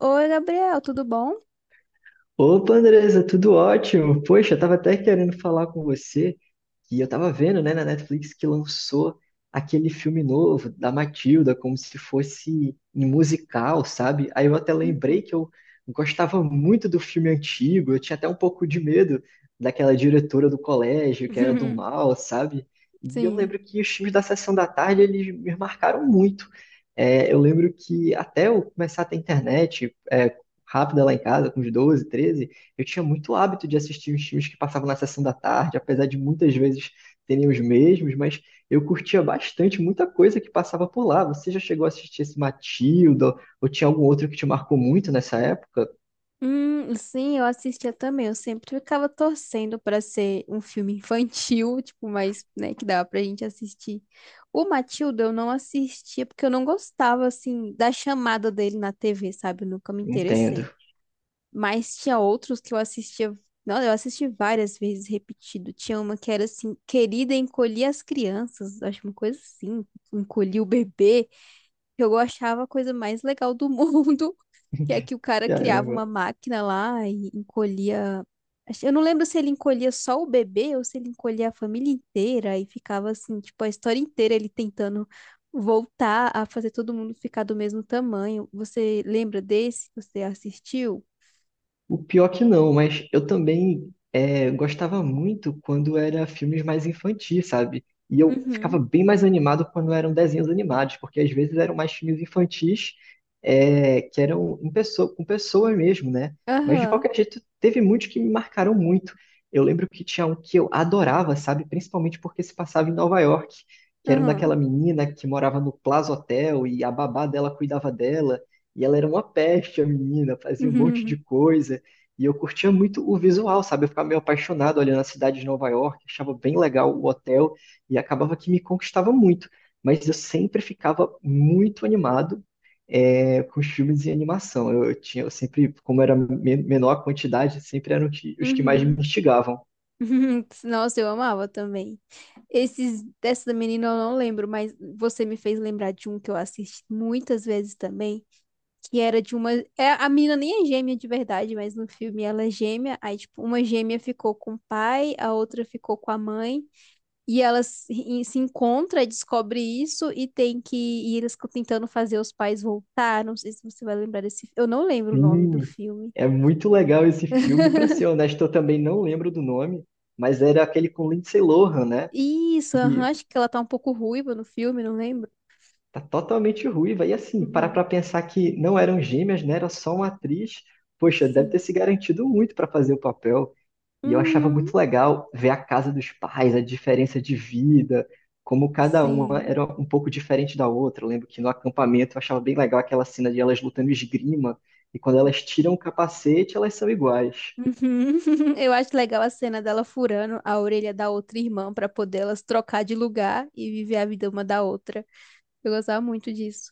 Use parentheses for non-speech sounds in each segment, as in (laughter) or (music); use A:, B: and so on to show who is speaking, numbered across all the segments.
A: Oi, Gabriel, tudo bom?
B: Opa, Andresa, tudo ótimo. Poxa, eu tava até querendo falar com você que eu tava vendo, né, na Netflix que lançou aquele filme novo da Matilda, como se fosse um musical, sabe? Aí eu até
A: Uhum.
B: lembrei que eu gostava muito do filme antigo, eu tinha até um pouco de medo daquela diretora do colégio, que era do
A: (laughs)
B: mal, sabe? E eu
A: Sim.
B: lembro que os filmes da Sessão da Tarde, eles me marcaram muito. É, eu lembro que até eu começar a ter internet, rápida lá em casa, com uns 12, 13 eu tinha muito hábito de assistir os filmes que passavam na sessão da tarde, apesar de muitas vezes terem os mesmos, mas eu curtia bastante muita coisa que passava por lá. Você já chegou a assistir esse Matilda? Ou tinha algum outro que te marcou muito nessa época?
A: Sim, eu assistia também. Eu sempre ficava torcendo para ser um filme infantil, (laughs) tipo, mas, né, que dava pra gente assistir. O Matilda eu não assistia porque eu não gostava, assim, da chamada dele na TV, sabe? Eu nunca me
B: Entendo.
A: interessei. Mas tinha outros que eu assistia. Não, eu assisti várias vezes repetido. Tinha uma que era assim, Querida, encolhi as crianças. Acho uma coisa assim, encolhi o bebê. Eu achava a coisa mais legal do mundo, (laughs) que é
B: (laughs)
A: que o cara criava
B: Caramba.
A: uma máquina lá e encolhia. Eu não lembro se ele encolhia só o bebê ou se ele encolhia a família inteira e ficava assim, tipo, a história inteira ele tentando voltar a fazer todo mundo ficar do mesmo tamanho. Você lembra desse? Você assistiu?
B: O pior que não, mas eu também gostava muito quando era filmes mais infantis, sabe? E eu ficava
A: Uhum.
B: bem mais animado quando eram desenhos animados, porque às vezes eram mais filmes infantis que eram em pessoa, com pessoas mesmo, né? Mas de
A: Aham,
B: qualquer jeito, teve muitos que me marcaram muito. Eu lembro que tinha um que eu adorava, sabe? Principalmente porque se passava em Nova York, que era um
A: aham.
B: daquela menina que morava no Plaza Hotel e a babá dela cuidava dela. E ela era uma peste, a menina, fazia um monte
A: (laughs)
B: de coisa. E eu curtia muito o visual, sabe? Eu ficava meio apaixonado olhando a cidade de Nova York, achava bem legal o hotel e acabava que me conquistava muito. Mas eu sempre ficava muito animado com os filmes de animação. Eu tinha eu sempre, como era menor a quantidade, sempre eram os que mais me
A: Uhum.
B: instigavam.
A: (laughs) Nossa, eu amava também. Esses dessa da menina eu não lembro, mas você me fez lembrar de um que eu assisti muitas vezes também, que era de uma, a menina nem é gêmea de verdade, mas no filme ela é gêmea, aí tipo, uma gêmea ficou com o pai, a outra ficou com a mãe, e elas se e se encontram, e descobre isso e tem que e eles ficam tentando fazer os pais voltar, não sei se você vai lembrar desse, eu não lembro o nome do
B: Sim,
A: filme.
B: é muito legal esse filme. Para
A: (laughs)
B: ser honesto, eu também não lembro do nome, mas era aquele com Lindsay Lohan, né?
A: Isso, aham, acho que ela tá um pouco ruiva no filme, não lembro.
B: Tá totalmente ruiva. E assim, parar
A: Uhum.
B: pra pensar que não eram gêmeas, né? Era só uma atriz. Poxa, deve ter
A: Sim.
B: se garantido muito pra fazer o papel. E eu achava
A: Uhum.
B: muito legal ver a casa dos pais, a diferença de vida, como cada uma
A: Sim.
B: era um pouco diferente da outra. Eu lembro que no acampamento eu achava bem legal aquela cena de elas lutando esgrima, e quando elas tiram o capacete, elas são iguais.
A: Uhum. (laughs) Eu acho legal a cena dela furando a orelha da outra irmã pra poder elas trocar de lugar e viver a vida uma da outra. Eu gostava muito disso.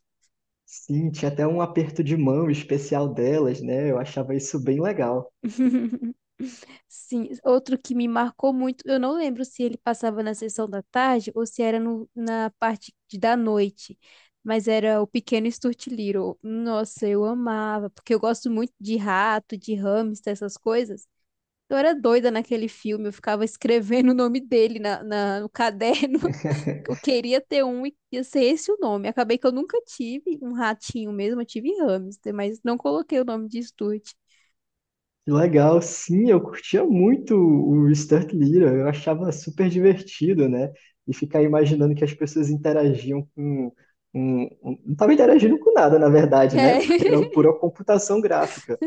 B: Sim, tinha até um aperto de mão especial delas, né? Eu achava isso bem legal.
A: (laughs) Sim, outro que me marcou muito, eu não lembro se ele passava na sessão da tarde ou se era na parte da noite, mas era o Pequeno Stuart Little. Nossa, eu amava, porque eu gosto muito de rato, de hamster, essas coisas. Eu era doida naquele filme, eu ficava escrevendo o nome dele no caderno. (laughs) Eu
B: (laughs)
A: queria ter um e ia ser esse o nome. Acabei que eu nunca tive um ratinho mesmo, eu tive hamster, mas não coloquei o nome de Stuart.
B: Que legal, sim, eu curtia muito o Sturt Little, eu achava super divertido, né? E ficar imaginando que as pessoas interagiam com. Não estava interagindo com nada, na verdade, né?
A: É.
B: Porque era
A: (laughs)
B: pura computação gráfica.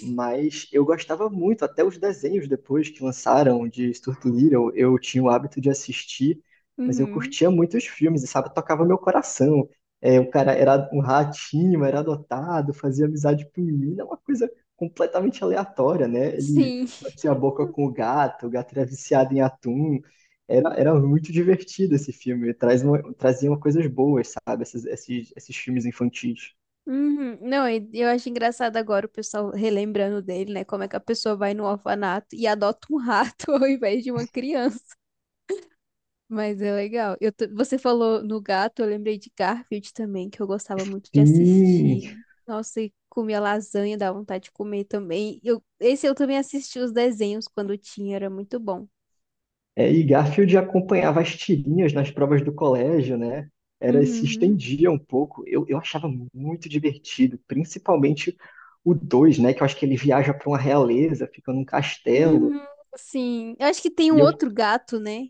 B: Mas eu gostava muito, até os desenhos depois que lançaram de Stuart Little, eu tinha o hábito de assistir, mas eu
A: Uhum.
B: curtia muito os filmes, e sabe, tocava meu coração. É, o cara era um ratinho, era adotado, fazia amizade com menina, uma coisa completamente aleatória, né? Ele
A: Sim.
B: batia a boca com o gato era viciado em atum. Era muito divertido esse filme, traz uma, trazia coisas boas, sabe, esses filmes infantis.
A: Uhum. Não, e eu acho engraçado agora o pessoal relembrando dele, né? Como é que a pessoa vai no orfanato e adota um rato (laughs) ao invés de uma criança. Mas é legal. Você falou no gato, eu lembrei de Garfield também, que eu gostava muito de
B: Sim,
A: assistir. Nossa, e comia lasanha, dava vontade de comer também. Esse eu também assisti os desenhos quando tinha, era muito bom.
B: é, e Garfield acompanhava as tirinhas nas provas do colégio, né? Era, se
A: Uhum.
B: estendia um pouco. Eu achava muito divertido, principalmente o 2, né? Que eu acho que ele viaja para uma realeza, fica num castelo.
A: Uhum, sim. Eu acho que tem um
B: E eu,
A: outro gato, né?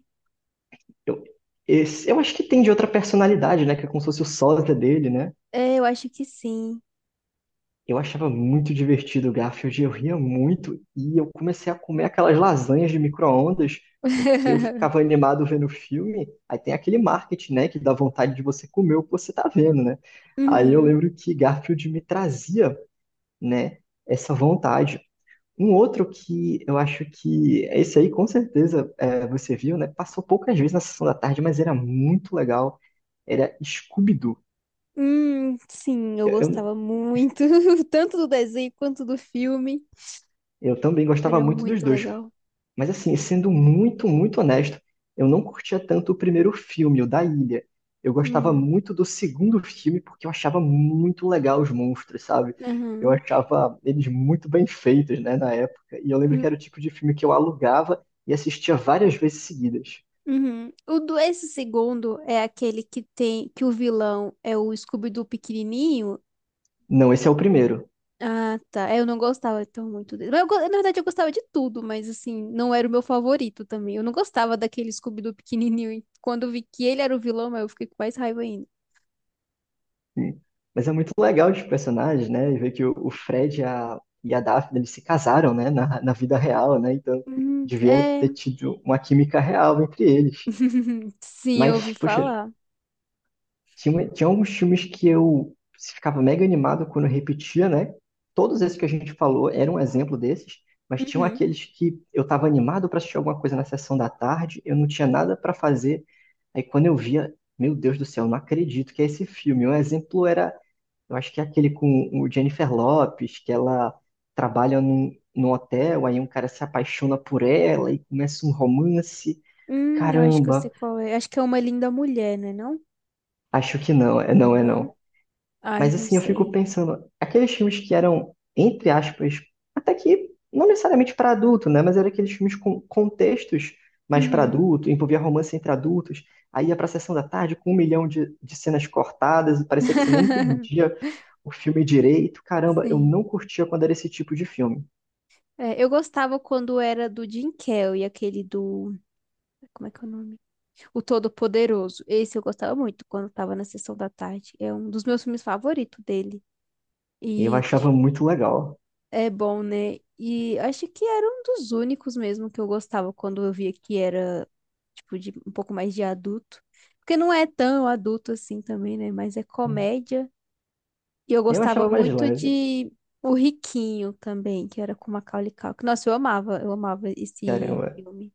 B: eu, eu acho que tem de outra personalidade, né? Que é como se fosse o sósia dele, né?
A: É, eu acho que sim.
B: Eu achava muito divertido o Garfield, eu ria muito e eu comecei a comer aquelas lasanhas de micro-ondas porque eu ficava
A: (laughs)
B: animado vendo o filme. Aí tem aquele marketing, né, que dá vontade de você comer o que você tá vendo, né? Aí eu
A: Uhum.
B: lembro que Garfield me trazia, né, essa vontade. Um outro que eu acho que esse aí com certeza você viu, né? Passou poucas vezes na sessão da tarde, mas era muito legal. Era Scooby-Doo.
A: Sim, eu
B: Eu, eu
A: gostava muito, (laughs) tanto do desenho quanto do filme.
B: eu também gostava
A: Era
B: muito dos
A: muito
B: dois.
A: legal.
B: Mas assim, sendo muito, muito honesto, eu não curtia tanto o primeiro filme, o da Ilha. Eu gostava
A: Hum,
B: muito do segundo filme porque eu achava muito legal os monstros, sabe? Eu
A: aham.
B: achava eles muito bem feitos, né, na época. E eu lembro que era o tipo de filme que eu alugava e assistia várias vezes seguidas.
A: Uhum. O do esse segundo é aquele que tem que o vilão é o Scooby-Doo pequenininho.
B: Não, esse é o primeiro.
A: Ah, tá. É, eu não gostava tão muito dele. Mas na verdade, eu gostava de tudo, mas assim, não era o meu favorito também. Eu não gostava daquele Scooby-Doo pequenininho. E quando eu vi que ele era o vilão, eu fiquei com mais raiva ainda.
B: Hum. Mas é muito legal os personagens, né? E ver que o Fred e a Daphne, eles se casaram, né, na, na vida real, né? Então devia
A: É.
B: ter tido uma química real entre eles.
A: (laughs) Sim, eu
B: Mas,
A: ouvi
B: poxa,
A: falar.
B: tinha alguns filmes que eu ficava mega animado quando eu repetia, né? Todos esses que a gente falou eram um exemplo desses, mas tinham
A: Uhum.
B: aqueles que eu estava animado para assistir alguma coisa na sessão da tarde, eu não tinha nada para fazer. Aí quando eu via, meu Deus do céu, não acredito que é esse filme. Um exemplo era, eu acho que é aquele com o Jennifer Lopez, que ela trabalha num, num hotel, aí um cara se apaixona por ela e começa um romance.
A: Eu acho que eu sei
B: Caramba,
A: qual é. Acho que é uma linda mulher, né? Não?
B: acho que não, é não, é
A: Não?
B: não.
A: Ai,
B: Mas
A: não
B: assim, eu fico
A: sei.
B: pensando, aqueles filmes que eram, entre aspas, até que não necessariamente para adulto, né? Mas eram aqueles filmes com contextos mais para
A: Uhum.
B: adulto, envolvia romance entre adultos, aí ia pra sessão da tarde com um milhão de cenas cortadas, e parecia que você nem
A: (laughs)
B: entendia o filme direito. Caramba, eu
A: Sim.
B: não curtia quando era esse tipo de filme.
A: É, eu gostava quando era do Jim Carrey, aquele do. Como é que é o nome? O Todo-Poderoso. Esse eu gostava muito quando tava na sessão da tarde. É um dos meus filmes favoritos dele.
B: Eu
A: E
B: achava
A: deixa eu...
B: muito legal.
A: É bom, né? E acho que era um dos únicos mesmo que eu gostava quando eu via que era, tipo, de, um pouco mais de adulto. Porque não é tão adulto assim também, né? Mas é comédia. E eu
B: Eu
A: gostava
B: achava mais
A: muito
B: leve,
A: de O Riquinho também, que era com Macaulay Culkin. Nossa, eu amava esse
B: caramba.
A: filme.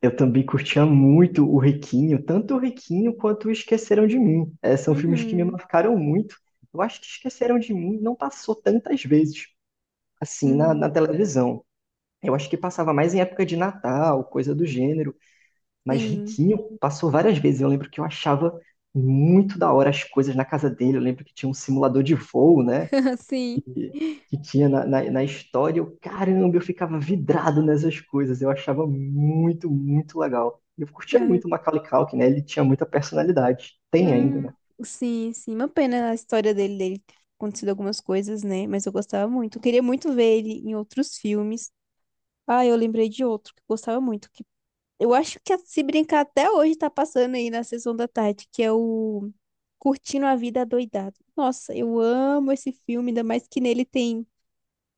B: Eu também curtia muito o Riquinho, tanto o Riquinho quanto o Esqueceram de Mim. É, são filmes que me
A: Uhum,
B: marcaram muito. Eu acho que Esqueceram de Mim não passou tantas vezes assim na,
A: uhum,
B: na televisão. Eu acho que passava mais em época de Natal, coisa do gênero, mas
A: sim,
B: Riquinho passou várias vezes. Eu lembro que eu achava muito da hora as coisas na casa dele. Eu lembro que tinha um simulador de voo, né?
A: (laughs) sim.
B: que, que tinha na, na, na história. Eu, caramba, eu ficava vidrado nessas coisas. Eu achava muito, muito legal. E eu curtia
A: Ah,
B: muito o Macaulay Culkin, né? Ele tinha muita personalidade. Tem ainda,
A: hum,
B: né?
A: sim, sim. Uma pena a história dele ter acontecido algumas coisas, né? Mas eu gostava muito. Eu queria muito ver ele em outros filmes. Ah, eu lembrei de outro que eu gostava muito. Que eu acho que se brincar até hoje tá passando aí na sessão da tarde, que é o Curtindo a Vida Adoidado. Nossa, eu amo esse filme, ainda mais que nele tem.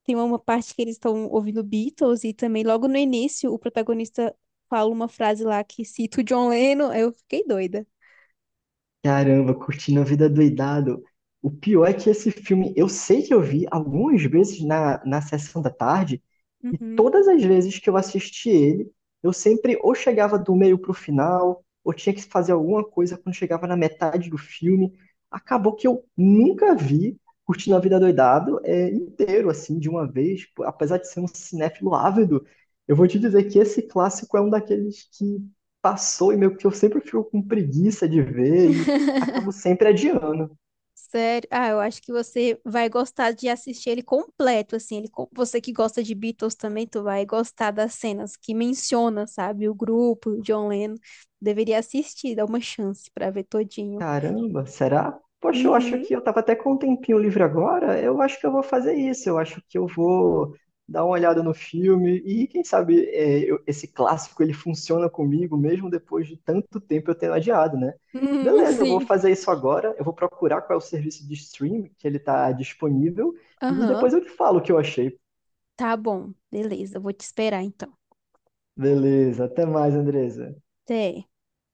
A: Tem uma parte que eles estão ouvindo Beatles e também logo no início o protagonista fala uma frase lá que cita o John Lennon. Aí eu fiquei doida.
B: Caramba, curtindo a vida doidado. O pior é que esse filme, eu sei que eu vi algumas vezes na, na sessão da tarde, e
A: Uhum.
B: todas as vezes que eu assisti ele, eu sempre ou chegava do meio pro final, ou tinha que fazer alguma coisa quando chegava na metade do filme. Acabou que eu nunca vi Curtindo a Vida Doidado inteiro, assim, de uma vez. Pô, apesar de ser um cinéfilo ávido, eu vou te dizer que esse clássico é um daqueles que passou e meio que eu sempre fico com preguiça de ver.
A: (laughs)
B: Acabo sempre adiando.
A: Sério? Ah, eu acho que você vai gostar de assistir ele completo, assim. Você que gosta de Beatles também, tu vai gostar das cenas que menciona, sabe? O grupo, o John Lennon. Deveria assistir, dar uma chance pra ver todinho.
B: Caramba, será? Poxa, eu acho
A: Uhum.
B: que eu tava até com um tempinho livre agora. Eu acho que eu vou fazer isso. Eu acho que eu vou dar uma olhada no filme e quem sabe esse clássico ele funciona comigo mesmo depois de tanto tempo eu tendo adiado, né?
A: Uhum, (laughs)
B: Beleza, eu vou
A: sim.
B: fazer isso agora. Eu vou procurar qual é o serviço de stream que ele tá disponível e
A: Aham.
B: depois eu te falo o que eu achei.
A: Tá bom. Beleza, eu vou te esperar então.
B: Beleza, até mais, Andresa.
A: Até.